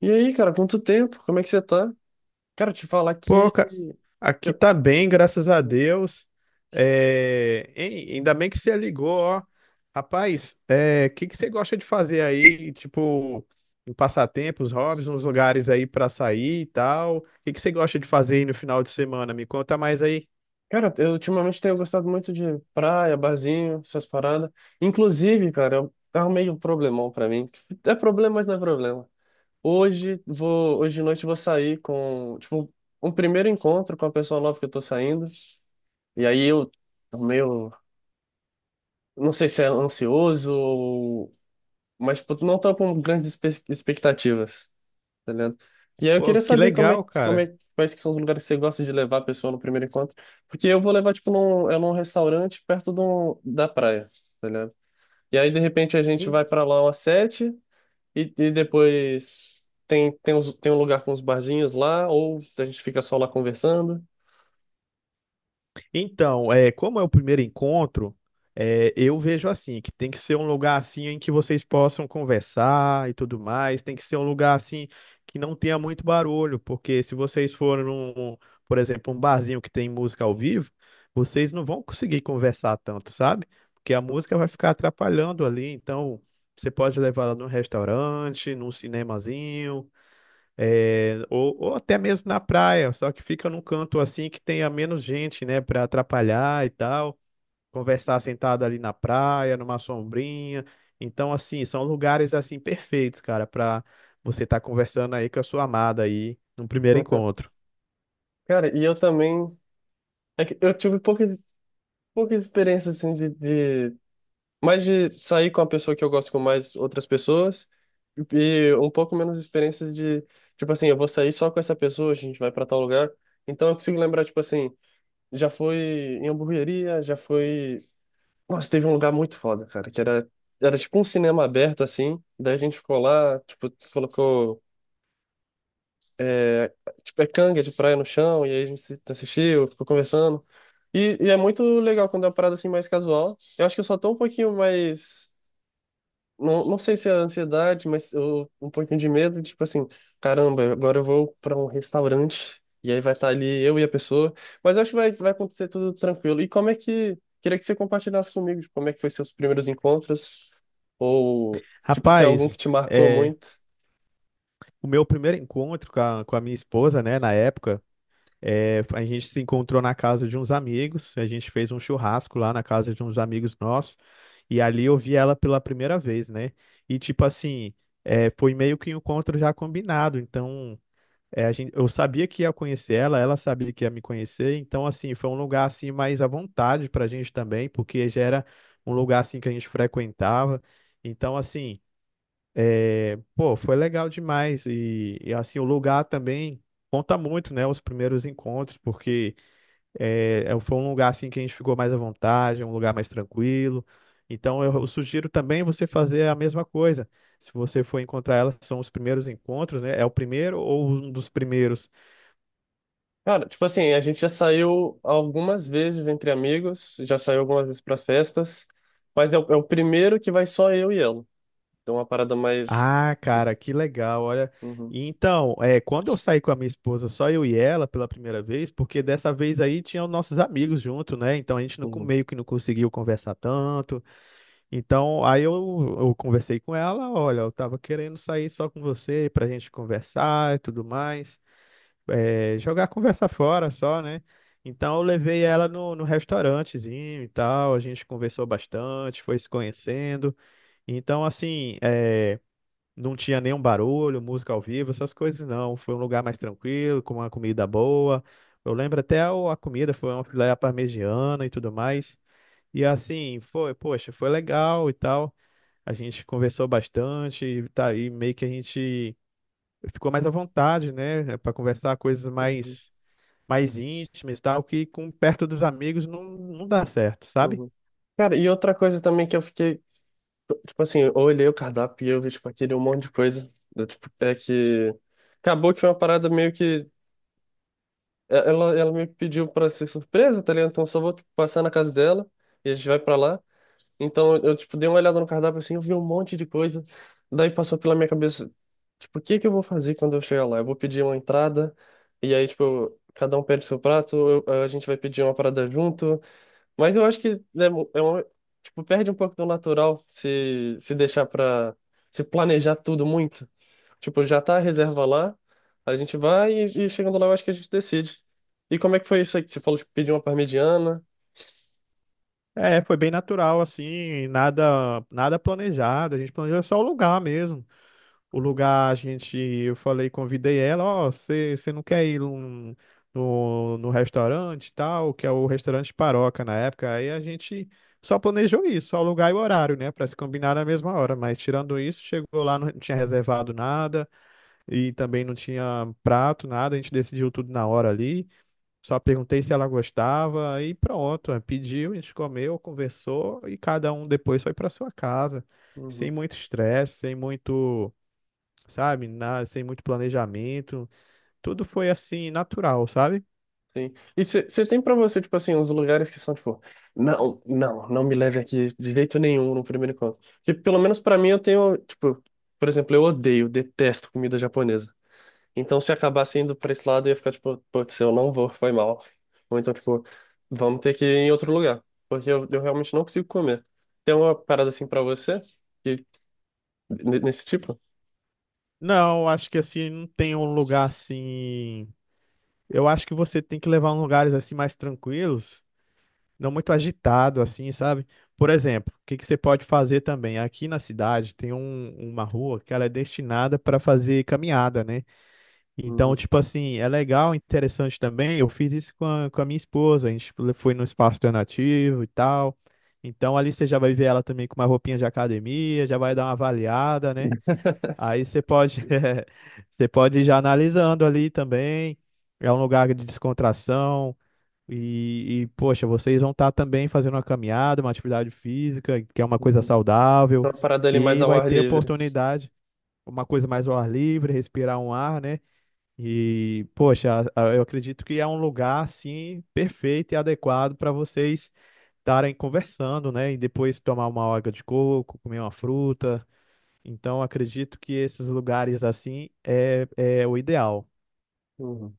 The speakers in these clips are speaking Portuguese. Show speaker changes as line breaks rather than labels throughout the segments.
E aí, cara, quanto tempo? Como é que você tá? Cara, te falar
Pô,
que
aqui
eu-
tá bem, graças a Deus. É, hein, ainda bem que você ligou, ó. Rapaz, o que que você gosta de fazer aí? Tipo, em passatempos, hobbies, uns lugares aí pra sair e tal. O que que você gosta de fazer aí no final de semana? Me conta mais aí.
Cara, eu ultimamente tenho gostado muito de praia, barzinho, essas paradas. Inclusive, cara, eu arrumei um problemão pra mim. É problema, mas não é problema. Hoje de noite eu vou sair com, tipo, um primeiro encontro com a pessoa nova que eu tô saindo. E aí eu meio, não sei se é ansioso ou, mas tipo, não tô com grandes expectativas. Tá ligado? E aí eu
Pô,
queria
que
saber como é,
legal,
como
cara.
é, quais que são os lugares que você gosta de levar a pessoa no primeiro encontro. Porque eu vou levar, tipo, num restaurante perto de da praia, tá ligado? E aí, de repente, a gente vai pra lá umas 7 e, e depois tem um lugar com uns barzinhos lá, ou a gente fica só lá conversando.
Então, é, como é o primeiro encontro, é, eu vejo assim, que tem que ser um lugar assim em que vocês possam conversar e tudo mais, tem que ser um lugar assim que não tenha muito barulho, porque se vocês forem num, por exemplo, um barzinho que tem música ao vivo, vocês não vão conseguir conversar tanto, sabe? Porque a música vai ficar atrapalhando ali, então você pode levar ela num restaurante, num cinemazinho, é, ou até mesmo na praia, só que fica num canto assim que tenha menos gente, né, para atrapalhar e tal, conversar sentado ali na praia, numa sombrinha. Então, assim, são lugares assim perfeitos, cara, para você estar conversando aí com a sua amada aí num primeiro encontro.
Cara, e eu também... é que eu tive pouca experiência, assim, de mais de sair com a pessoa que eu gosto com mais outras pessoas e um pouco menos experiências de, tipo assim, eu vou sair só com essa pessoa, a gente vai para tal lugar. Então eu consigo lembrar, tipo assim, já foi em hamburgueria, já foi. Nossa, teve um lugar muito foda, cara, que era, era tipo um cinema aberto, assim. Daí a gente ficou lá, tipo, colocou, é, tipo, é canga de praia no chão, e aí a gente assistiu, ficou conversando. E é muito legal quando é uma parada assim mais casual. Eu acho que eu só tô um pouquinho mais. Não, não sei se é ansiedade, mas eu, um pouquinho de medo, tipo assim, caramba, agora eu vou para um restaurante e aí vai estar ali eu e a pessoa, mas eu acho que vai, vai acontecer tudo tranquilo. E como é que, queria que você compartilhasse comigo, tipo, como é que foi seus primeiros encontros, ou, tipo assim, algum que
Rapaz,
te marcou
é,
muito?
o meu primeiro encontro com a minha esposa, né, na época. É, a gente se encontrou na casa de uns amigos, a gente fez um churrasco lá na casa de uns amigos nossos, e ali eu vi ela pela primeira vez, né? E tipo assim, é, foi meio que um encontro já combinado, então é, a gente, eu sabia que ia conhecer ela, ela sabia que ia me conhecer, então assim, foi um lugar assim mais à vontade pra gente também, porque já era um lugar assim que a gente frequentava, então assim. É, pô, foi legal demais e, assim o lugar também conta muito, né? Os primeiros encontros, porque é, foi um lugar assim que a gente ficou mais à vontade, um lugar mais tranquilo. Então eu sugiro também você fazer a mesma coisa. Se você for encontrar ela, são os primeiros encontros, né? É o primeiro ou um dos primeiros.
Cara, tipo assim, a gente já saiu algumas vezes entre amigos, já saiu algumas vezes para festas, mas é o primeiro que vai só eu e ela, então é uma parada mais...
Ah, cara, que legal, olha.
Uhum,
E então, é, quando eu saí com a minha esposa, só eu e ela pela primeira vez, porque dessa vez aí tinham nossos amigos junto, né? Então a gente não, meio que não conseguiu conversar tanto. Então, eu conversei com ela, olha, eu tava querendo sair só com você pra gente conversar e tudo mais. É, jogar a conversa fora só, né? Então eu levei ela no restaurantezinho e tal, a gente conversou bastante, foi se conhecendo. Então, assim, é. Não tinha nenhum barulho, música ao vivo, essas coisas não. Foi um lugar mais tranquilo, com uma comida boa. Eu lembro até a comida foi uma filé à parmegiana e tudo mais. E assim, foi, poxa, foi legal e tal. A gente conversou bastante, e tá aí meio que a gente ficou mais à vontade, né, para conversar coisas
uhum.
mais mais íntimas e tal, que com perto dos amigos não, não dá certo, sabe?
Uhum. Cara, e outra coisa também que eu fiquei, tipo assim, eu olhei o cardápio e eu vi, tipo, aquele um monte de coisa, né, tipo, é que acabou que foi uma parada meio que, ela, ela meio que pediu pra ser surpresa, tá ligado? Então eu só vou tipo, passar na casa dela e a gente vai pra lá. Então eu, tipo, dei uma olhada no cardápio assim, eu vi um monte de coisa, daí passou pela minha cabeça, tipo, o que que eu vou fazer quando eu chegar lá? Eu vou pedir uma entrada e aí, tipo, cada um pede seu prato, a gente vai pedir uma parada junto, mas eu acho que né, é uma, tipo, perde um pouco do natural se, se deixar pra se planejar tudo muito. Tipo, já tá a reserva lá, a gente vai e chegando lá eu acho que a gente decide. E como é que foi isso aí que você falou, tipo, pedir uma parmegiana?
É, foi bem natural assim, nada planejado, a gente planejou só o lugar mesmo. O lugar, a gente, eu falei, convidei ela, ó, você não quer ir no, no restaurante e tal, que é o restaurante Paroca na época, aí a gente só planejou isso, só o lugar e o horário, né, para se combinar na mesma hora, mas tirando isso, chegou lá, não tinha reservado nada e também não tinha prato, nada, a gente decidiu tudo na hora ali, só perguntei se ela gostava aí pronto. Aí pediu, a gente comeu, conversou e cada um depois foi para sua casa, sem
Uhum.
muito estresse, sem muito, sabe? Sem muito planejamento. Tudo foi assim, natural, sabe?
Sim. E você tem pra você, tipo assim, uns lugares que são, tipo, não me leve aqui de jeito nenhum no primeiro encontro. Que pelo menos pra mim eu tenho, tipo, por exemplo, eu odeio, detesto comida japonesa. Então, se acabasse indo pra esse lado, eu ia ficar tipo, putz, eu não vou, foi mal. Ou então, tipo, vamos ter que ir em outro lugar, porque eu realmente não consigo comer. Tem uma parada assim pra você? Que, nesse tipo?
Não, acho que assim, não tem um lugar assim. Eu acho que você tem que levar em lugares assim mais tranquilos, não muito agitado, assim, sabe? Por exemplo, o que que você pode fazer também? Aqui na cidade tem uma rua que ela é destinada para fazer caminhada, né? Então,
Uhum.
tipo assim, é legal, interessante também. Eu fiz isso com a minha esposa. A gente foi no espaço alternativo e tal. Então, ali você já vai ver ela também com uma roupinha de academia, já vai dar uma avaliada, né? Aí você pode, você pode ir já analisando ali também. É um lugar de descontração. E, poxa, vocês vão estar também fazendo uma caminhada, uma atividade física, que é uma coisa
Uhum.
saudável.
Tem uma parada ali mais
E
ao
vai
ar
ter
livre.
oportunidade, uma coisa mais ao ar livre, respirar um ar, né? E, poxa, eu acredito que é um lugar assim perfeito e adequado para vocês estarem conversando, né? E depois tomar uma água de coco, comer uma fruta. Então, acredito que esses lugares assim é, é o ideal.
Uhum.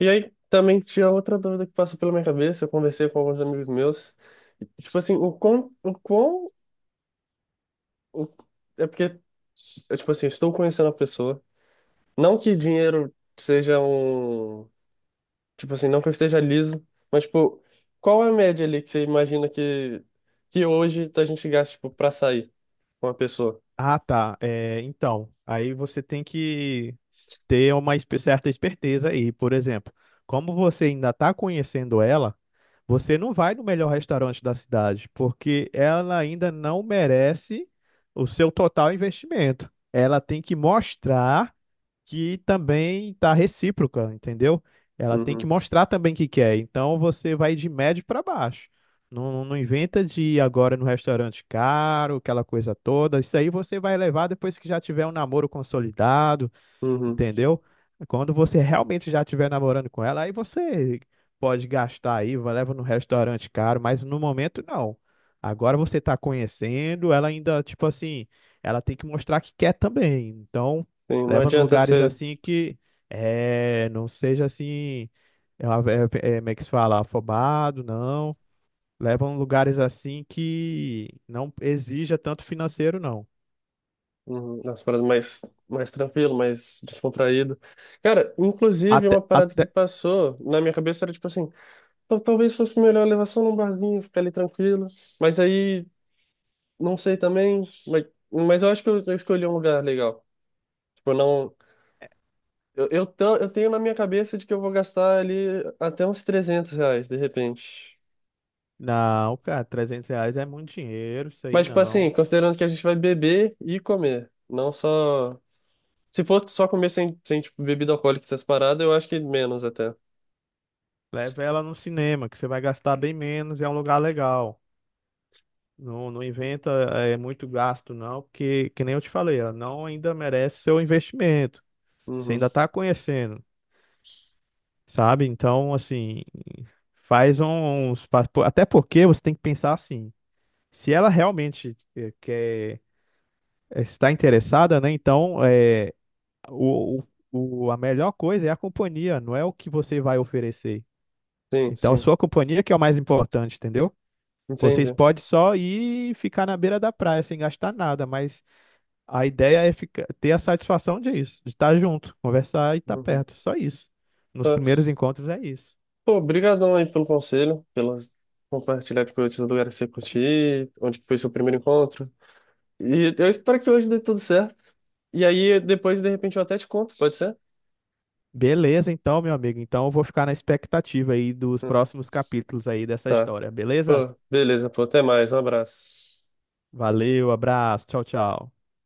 E aí, também tinha outra dúvida que passou pela minha cabeça, eu conversei com alguns amigos meus. Tipo assim, o- é porque, eu, tipo assim, estou conhecendo a pessoa. Não que dinheiro seja um. Tipo assim, não que eu esteja liso, mas, tipo, qual é a média ali que você imagina que hoje a gente gasta, tipo, pra sair com uma pessoa?
Ah, tá. É, então, aí você tem que ter uma certa esperteza aí. Por exemplo, como você ainda está conhecendo ela. Você não vai no melhor restaurante da cidade, porque ela ainda não merece o seu total investimento. Ela tem que mostrar que também está recíproca, entendeu? Ela tem que
Uhum.
mostrar também que quer. Então você vai de médio para baixo. Não, inventa de ir agora no restaurante caro, aquela coisa toda. Isso aí você vai levar depois que já tiver um namoro consolidado.
Uhum.
Entendeu? Quando você realmente já estiver namorando com ela, aí você pode gastar aí, leva no restaurante caro, mas no momento não. Agora você tá conhecendo, ela ainda, tipo assim, ela tem que mostrar que quer também. Então,
Sim, não
leva em
adianta
lugares
ser
assim que é, não seja assim, é, é, é, como é que se fala, afobado, não. Leva em lugares assim que não exija tanto financeiro, não.
uhum, umas paradas mais, mais tranquilo, mais descontraído. Cara, inclusive, uma
Até,
parada que
até,
passou na minha cabeça era, tipo assim, talvez fosse melhor levar só num barzinho, ficar ali tranquilo, mas aí, não sei também, mas eu acho que eu escolhi um lugar legal. Tipo, não. Eu tenho na minha cabeça de que eu vou gastar ali até uns R$ 300, de repente.
Não, cara, R$ 300 é muito dinheiro, isso aí
Mas, tipo assim,
não.
considerando que a gente vai beber e comer, não só... Se fosse só comer sem, sem tipo, bebida alcoólica e essas paradas, eu acho que menos até.
Leva ela no cinema, que você vai gastar bem menos e é um lugar legal. Não, inventa é, muito gasto, não, porque, que nem eu te falei, ela não ainda merece seu investimento. Você
Uhum.
ainda tá conhecendo, sabe? Então, assim, faz um, uns. Até porque você tem que pensar assim: se ela realmente quer, está interessada, né? Então, é, o, a melhor coisa é a companhia, não é o que você vai oferecer.
Sim,
Então, a
sim.
sua companhia que é o mais importante, entendeu? Vocês
Entendi.
podem só ir e ficar na beira da praia sem gastar nada, mas a ideia é ficar, ter a satisfação disso, de estar junto, conversar e estar
Uhum.
perto, só isso. Nos
Tá.
primeiros encontros é isso.
Pô, brigadão aí pelo conselho, pelas compartilhar tipo, esses lugares que você curtiu, onde que foi seu primeiro encontro. E eu espero que hoje dê tudo certo. E aí, depois, de repente, eu até te conto, pode ser?
Beleza, então, meu amigo. Então, eu vou ficar na expectativa aí dos
Hum.
próximos capítulos aí dessa
Tá.
história, beleza?
Beleza, pô, até mais, um abraço.
Valeu, abraço, tchau, tchau.